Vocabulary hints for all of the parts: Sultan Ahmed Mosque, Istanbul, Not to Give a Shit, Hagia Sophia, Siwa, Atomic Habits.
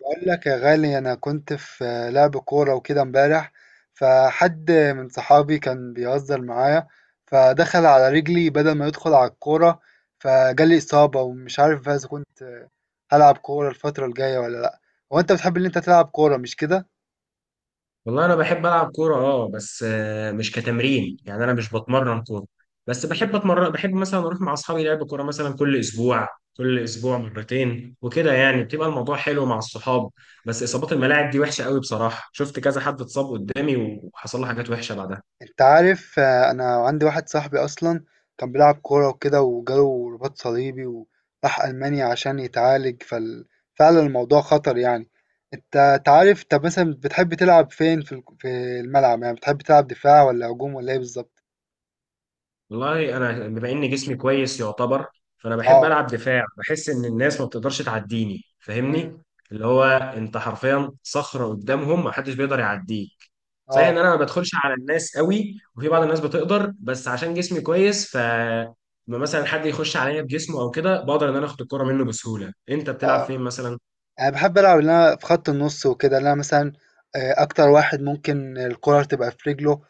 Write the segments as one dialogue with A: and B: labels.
A: بقول لك يا غالي، انا كنت في لعب كوره وكده امبارح. فحد من صحابي كان بيهزر معايا، فدخل على رجلي بدل ما يدخل على الكوره، فجالي اصابه، ومش عارف بقى اذا كنت هلعب كوره الفتره الجايه ولا لا. هو انت بتحب ان انت تلعب كوره، مش
B: والله انا بحب العب كوره اه بس مش كتمرين، يعني انا مش بتمرن كوره، بس بحب
A: كده؟
B: اتمرن. بحب مثلا اروح مع اصحابي لعب كوره مثلا كل اسبوع مرتين وكده، يعني بتبقى الموضوع حلو مع الصحاب. بس اصابات الملاعب دي وحشه قوي بصراحه، شفت كذا حد اتصاب قدامي وحصل له حاجات وحشه بعدها.
A: انت عارف، انا عندي واحد صاحبي اصلا كان بيلعب كورة وكده، وجاله رباط صليبي، وراح المانيا عشان يتعالج فعلا الموضوع خطر يعني. انت تعرف طب، مثلا بتحب تلعب فين، في في الملعب؟ يعني بتحب تلعب دفاع ولا هجوم ولا ايه بالظبط؟
B: والله انا بما ان جسمي كويس يعتبر، فانا بحب
A: اه.
B: العب دفاع، بحس ان الناس ما بتقدرش تعديني،
A: مم.
B: فاهمني؟ اللي هو انت حرفيا صخره قدامهم، ما حدش بيقدر يعديك. صحيح
A: اه.
B: ان انا ما بدخلش على الناس قوي، وفي بعض الناس بتقدر، بس عشان جسمي كويس، ف لما مثلا حد يخش عليا بجسمه او كده، بقدر ان انا اخد الكرة منه بسهوله. انت بتلعب
A: اه.
B: فين مثلا؟
A: أنا باحب ألعب اللي أنا في خط النُص وكده، اللي أنا مثلًا أكتر واحد ممكن الكورة تبقى في رجله،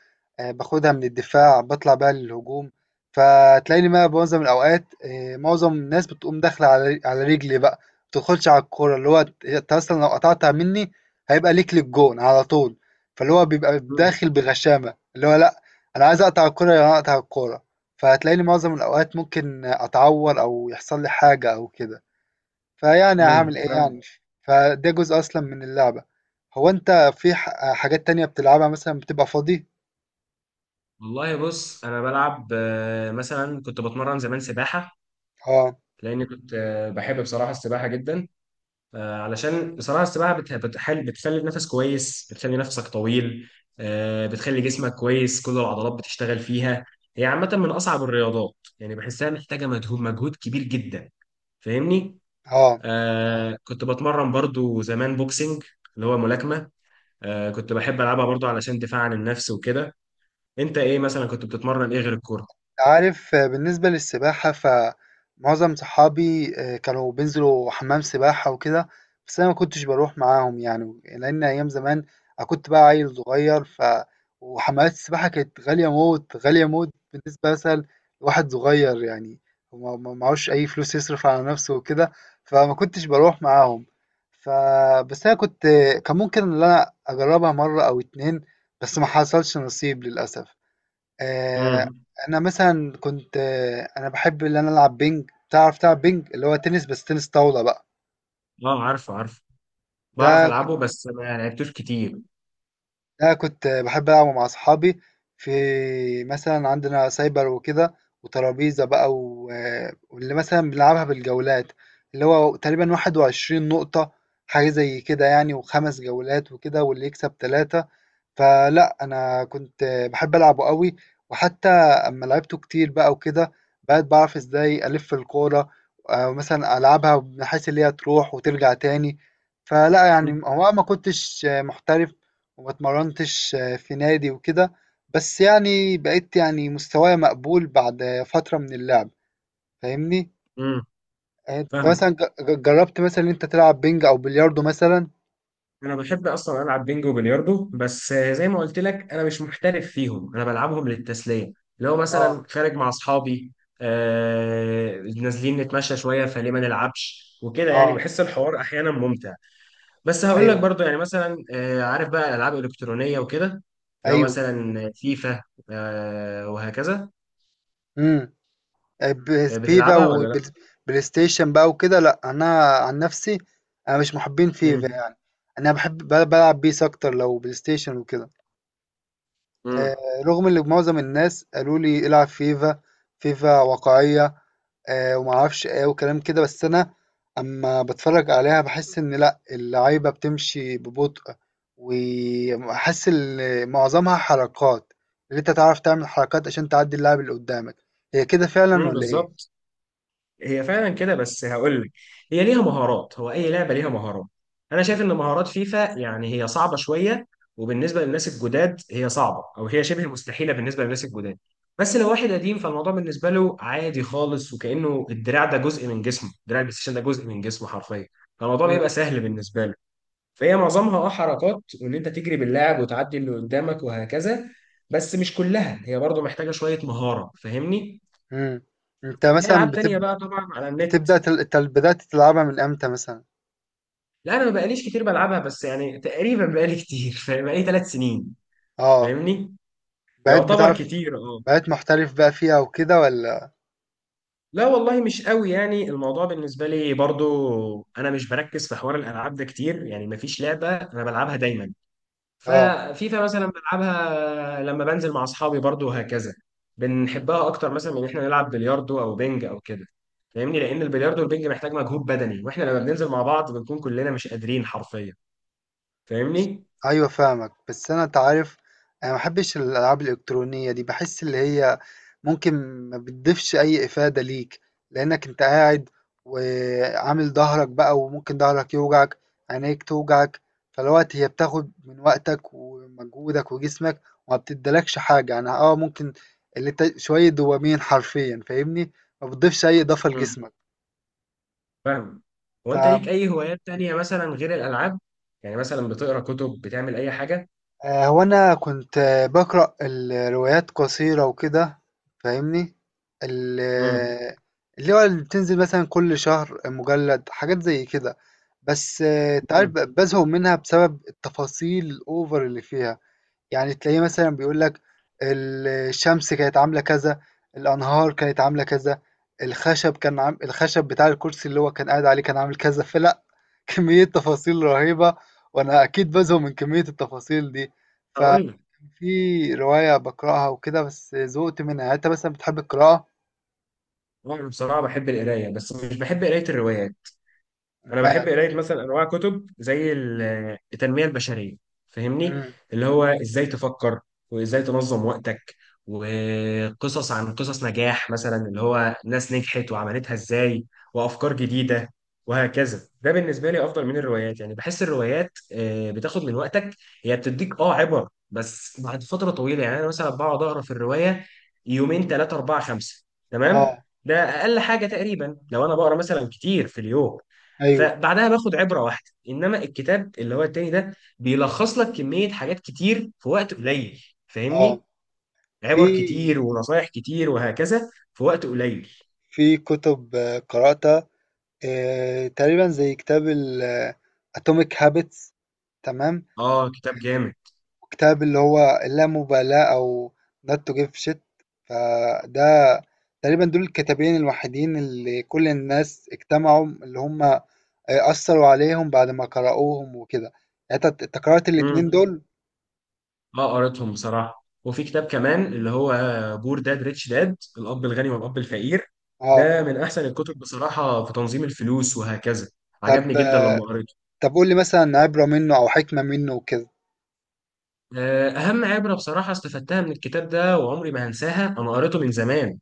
A: باخدها من الدفاع، باطلع بيها للهجوم. فتلاقيني بقى معظم الأوقات، معظم الناس بتقوم داخلة على رجلي بقى، ما بتدخلش على الكورة، اللي هو أنت أصلًا لو قطعتها مني هيبقى ليك للجون على طول. فاللي هو بيبقى
B: مم.
A: داخل بغشامة، اللي هو لأ، أنا عايز أقطع الكورة، يعني أقطع الكورة. فتلاقيني معظم الأوقات ممكن أتعور أو يحصل لي حاجة أو كده. فيعني هعمل
B: مم.
A: ايه
B: فاهم.
A: يعني. فده جزء اصلا من اللعبة. هو انت في حاجات تانية بتلعبها، مثلا بتبقى فاضي؟
B: والله بص، انا بلعب مثلا كنت بتمرن زمان سباحه،
A: اه.
B: لاني كنت بحب بصراحه السباحه جدا. علشان بصراحة السباحة بتحل، بتخلي النفس كويس، بتخلي نفسك طويل. بتخلي جسمك كويس، كل العضلات بتشتغل فيها. هي عامة من أصعب الرياضات، يعني بحسها محتاجة مجهود كبير جدا. فاهمني؟
A: اه.
B: آه، كنت بتمرن برضو زمان بوكسنج، اللي هو ملاكمة. آه كنت بحب ألعبها برضو علشان دفاع عن النفس وكده. أنت إيه مثلا كنت بتتمرن إيه غير الكورة؟
A: أنت عارف، بالنسبة للسباحة، فمعظم صحابي كانوا بينزلوا حمام سباحة وكده. بس أنا ما كنتش بروح معاهم يعني، لأن أيام زمان أنا كنت بقى عيل صغير، وحمامات السباحة كانت غالية موت غالية موت، بالنسبة مثلا لواحد صغير يعني. وما- ما معهوش أي فلوس يصرف على نفسه وكده، فما كنتش بروح معاهم. ف بس أنا كنت كان ممكن إن أنا أجربها مرة أو اتنين، بس ما حصلش نصيب للأسف. آه،
B: امم
A: انا مثلا كنت، انا بحب ان انا العب بينج. تعرف تلعب بينج؟ اللي هو تنس، بس تنس طاولة بقى.
B: أه، عارفه عارفه، بعرف
A: ده كنت
B: ألعبه بس ما لعبتوش كتير.
A: ده كنت بحب العبه مع اصحابي، في مثلا عندنا سايبر وكده، وترابيزة بقى، و واللي مثلا بنلعبها بالجولات، اللي هو تقريبا 21 نقطة، حاجة زي كده يعني، وخمس جولات وكده، واللي يكسب ثلاثة. فلأ، أنا كنت باحب ألعبه أوي، وحتى أمّا لعبته كتير بقى وكده، بقيت باعرف إزاي ألِف الكورة، أو مثلًا ألعبها بحيث اللي هي تروح وترجع تاني. فلأ يعني، هو أنا ما كنتش محترف، وما اتمرنتش في نادي وكده. بس يعني بقيت يعني مستوايا مقبول بعد فترة من اللعب. فاهمني؟
B: امم
A: أنت
B: فاهمك.
A: مثلًا ج ج جرّبت مثلًا إن أنت تلعب بينج أو بلياردو مثلًا؟
B: انا بحب اصلا العب بينجو وبلياردو، بس زي ما قلت لك انا مش محترف فيهم، انا بلعبهم للتسليه. لو
A: آه.
B: مثلا خارج مع اصحابي نازلين نتمشى شويه، فليه ما نلعبش وكده، يعني
A: آه.
B: بحس الحوار احيانا ممتع. بس هقول لك
A: أيوه.
B: برضو، يعني مثلا آه، عارف بقى الالعاب الالكترونيه وكده، لو
A: أيوه.
B: مثلا فيفا وهكذا.
A: إمم.
B: آه،
A: فيفا
B: بتلعبها ولا لا؟
A: وبلاي ستيشن بقى وكده، لا انا عن نفسي انا مش محبين فيفا
B: امم
A: يعني. انا بحب بلعب بيس اكتر لو بلاي ستيشن وكده.
B: امم
A: رغم ان معظم الناس قالوا لي العب فيفا، فيفا واقعية، ومعرفش ايه وكلام كده. بس انا اما بتفرج عليها بحس ان لا، اللعيبة بتمشي ببطء، وحاسس ان معظمها حركات، اللي انت تعرف تعمل حركات عشان تعدي اللاعب اللي قدامك. هي كده فعلا ولا ايه؟
B: بالظبط، هي فعلا كده. بس هقول لك، هي ليها مهارات، هو اي لعبه ليها مهارات. انا شايف ان مهارات فيفا يعني هي صعبه شويه، وبالنسبه للناس الجداد هي صعبه، او هي شبه مستحيله بالنسبه للناس الجداد. بس لو واحد قديم، فالموضوع بالنسبه له عادي خالص، وكانه الدراع ده جزء من جسمه، دراع البلاي ستيشن ده جزء من جسمه حرفيا، فالموضوع
A: مم.
B: بيبقى سهل بالنسبه له. فهي معظمها اه حركات، وان انت تجري باللاعب وتعدي اللي قدامك وهكذا، بس مش كلها، هي برضه محتاجه شويه مهاره. فاهمني؟
A: إمم. أنت
B: في
A: مثلًا
B: العاب تانية
A: بتب
B: بقى طبعا على النت.
A: بتبدأ تل أنت بدأت تلعبها من إمتى مثلًا؟
B: لا، انا ما بقاليش كتير بلعبها، بس يعني تقريبا بقالي كتير، فاهم؟ بقالي 3 سنين،
A: آه.
B: فاهمني.
A: بقيت
B: يعتبر
A: بتعرف
B: كتير اه.
A: بقيت محترف بقى فيها وكده والّا؟
B: لا والله مش قوي، يعني الموضوع بالنسبه لي برضو، انا مش بركز في حوار الالعاب ده كتير، يعني ما فيش لعبه انا بلعبها دايما.
A: آه.
B: ففيفا مثلا بلعبها لما بنزل مع اصحابي برضو وهكذا. بنحبها اكتر مثلا من ان احنا نلعب بلياردو او بينج او كده، فاهمني، لان
A: إمم.
B: البلياردو والبينج محتاج مجهود بدني، واحنا لما بننزل مع بعض بنكون كلنا مش قادرين حرفيا، فاهمني.
A: ايوه فاهمك، بس انا تعرف انا ما بحبش الالعاب الالكترونيه دي. بحس اللي هي ممكن ما بتضيفش اي افاده ليك، لانك انت قاعد وعامل ظهرك بقى، وممكن ظهرك يوجعك، عينيك توجعك. فالوقت هي بتاخد من وقتك ومجهودك وجسمك، وما بتدلكش حاجه، يعني اه ممكن اللي انت شويه دوبامين حرفيا. فاهمني؟ ما بتضيفش اي اضافه لجسمك.
B: فاهم. هو انت ليك اي هوايات تانية مثلا غير الالعاب؟ يعني مثلا بتقرا كتب، بتعمل اي حاجه؟
A: هو أنا كنت بقرأ الروايات قصيرة وكده. فاهمني؟ ال-
B: امم
A: آه، اللي هو اللي بتنزل مثلا كل شهر مجلد، حاجات زي كده. بس تعرف
B: امم
A: بزهق منها بسبب التفاصيل الأوفر اللي فيها. يعني تلاقيه مثلا بيقول لك، الشمس كانت عاملة كذا، الأنهار كانت عاملة كذا، الخشب كان عام الخشب بتاع الكرسي اللي هو كان قاعد عليه كان عامل كذا. فلا كمية تفاصيل رهيبة، وأنا أكيد بزهق من كمية التفاصيل دي.
B: هقول لك،
A: ففي رواية بقرأها وكده، بس زهقت منها. يعني أنت مثلا بتحب القراءة؟
B: انا بصراحه بحب القرايه، بس مش بحب قرايه الروايات. انا
A: ما
B: بحب قرايه مثلا انواع كتب زي التنميه البشريه، فاهمني،
A: مم.
B: اللي هو ازاي تفكر، وازاي تنظم وقتك، وقصص عن قصص نجاح مثلا، اللي هو ناس نجحت وعملتها ازاي، وافكار جديده وهكذا. ده بالنسبه لي افضل من الروايات، يعني بحس الروايات بتاخد من وقتك، هي بتديك اه عبر، بس بعد فتره طويله. يعني انا مثلا بقعد اقرا في الروايه يومين ثلاثه اربعه خمسه، تمام؟
A: اه.
B: ده اقل حاجه تقريبا، لو انا بقرا مثلا كتير في اليوم،
A: ايوه.
B: فبعدها باخد عبره واحده. انما الكتاب اللي هو التاني ده بيلخص لك كميه حاجات كتير في وقت قليل،
A: اه.
B: فاهمني،
A: في
B: عبر كتير ونصايح كتير وهكذا في وقت قليل.
A: في كتب قرأتها تقريبًا، زي كتاب ال Atomic Habits، تمام،
B: اه، كتاب جامد.
A: وكتاب اللي هو اللامبالاة أو Not to Give a Shit. فده تقريبًا دول الكتابين الوحيدين، اللي كل الناس اجتمعوا، اللي هم أثّروا عليهم بعد ما قرأوهم وكده. يعني أنت قرأت الاتنين
B: امم،
A: دول؟
B: اه قريتهم بصراحه، وفي كتاب كمان اللي هو بور داد ريتش داد، الاب الغني والاب الفقير.
A: آه.
B: ده من احسن الكتب بصراحه في تنظيم الفلوس وهكذا، عجبني
A: طب،
B: جدا لما قريته.
A: طب قُل لي مثلًا عبرة منه أو حكمة منه وكده.
B: آه، أهم عبرة بصراحة استفدتها من الكتاب ده وعمري ما هنساها، أنا قريته من زمان،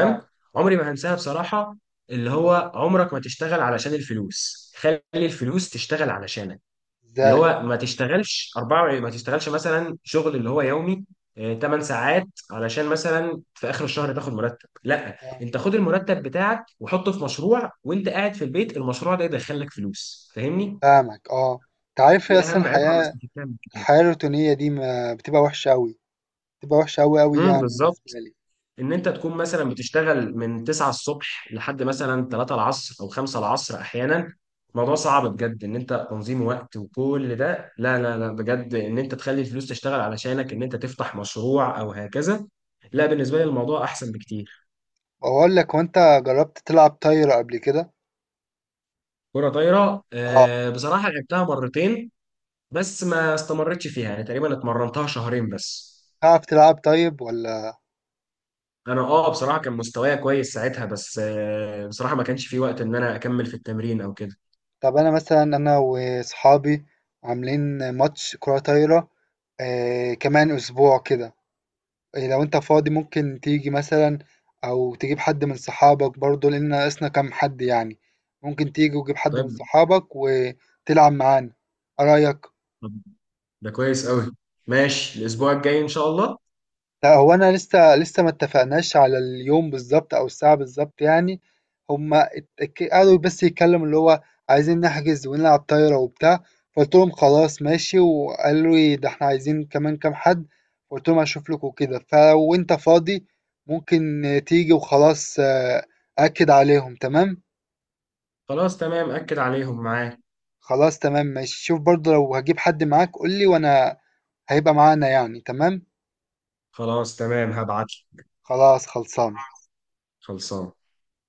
A: آه.
B: عمري ما هنساها بصراحة. اللي هو عمرك ما تشتغل علشان الفلوس، خلي الفلوس تشتغل علشانك. اللي
A: إزاي؟
B: هو ما تشتغلش أربعة، ما تشتغلش مثلا شغل اللي هو يومي 8 ساعات، علشان مثلا في آخر الشهر تاخد مرتب. لا،
A: آه.
B: أنت خد المرتب بتاعك وحطه في مشروع، وأنت قاعد في البيت المشروع ده يدخلك فلوس، فاهمني.
A: فاهمك. أنت عارف، هي
B: دي
A: أصلًا
B: أهم عبرة أنا
A: الحياة
B: استفدتها من الكتاب.
A: الحياة الروتينية دي ما بتبقى وحشة أوي. بتبقى وحشة أوي أوي،
B: امم،
A: يعني بالنسبة
B: بالظبط،
A: لي.
B: ان انت تكون مثلا بتشتغل من 9 الصبح لحد مثلا 3 العصر او 5 العصر احيانا، الموضوع
A: مم.
B: صعب بجد. ان انت تنظيم وقت وكل ده، لا لا لا، بجد ان انت تخلي الفلوس تشتغل علشانك، ان انت تفتح مشروع او هكذا، لا،
A: مم.
B: بالنسبه لي الموضوع احسن بكتير.
A: وأقول لك، وأنت جربت تلعب طايرة قبل كده؟
B: كرة طايرة؟
A: أه.
B: آه، بصراحة لعبتها مرتين، بس ما استمرتش فيها، يعني تقريبا اتمرنتها شهرين بس.
A: تعرف تلعب طيب ولا؟
B: انا اه بصراحة كان مستوايا كويس ساعتها، بس آه، بصراحة ما كانش في وقت ان انا اكمل في التمرين او كده.
A: طب أنا مثلا، أنا وأصحابي عاملين ماتش كرة طايرة آه كمان أسبوع كده. إيه لو أنت فاضي ممكن تيجي مثلا، أو تجيب حد من صحابك برضو، لأن ناقصنا كام حد يعني. ممكن تيجي وتجيب حد من صحابك وتلعب معانا. إيه رأيك؟
B: طيب، ده كويس قوي، ماشي الاسبوع الجاي ان شاء الله.
A: لأ، هو أنا لسه ما اتفقناش على اليوم بالضبط أو الساعة بالضبط يعني. هم اتك قعدوا بس يتكلموا، اللي هو عايزين نحجز ونلعب طايرة وبتاع. فقُلت لهم خلاص ماشي، وقالوا لي، ده إحنا عايزين كمان كام حد. فقُلت لهم هاشوف لكم وكده. فلو أنت فاضي ممكن تيجي وخلاص. أأكد عليهم، تمام؟
B: خلاص تمام، اكد عليهم معاك.
A: خلاص تمام ماشي. شوف برضه لو هتجيب حد معاك قُل لي، وأنا هيبقى معانا يعني. تمام؟
B: خلاص تمام، هبعت لك.
A: خلاص خلصانة.
B: خلصان.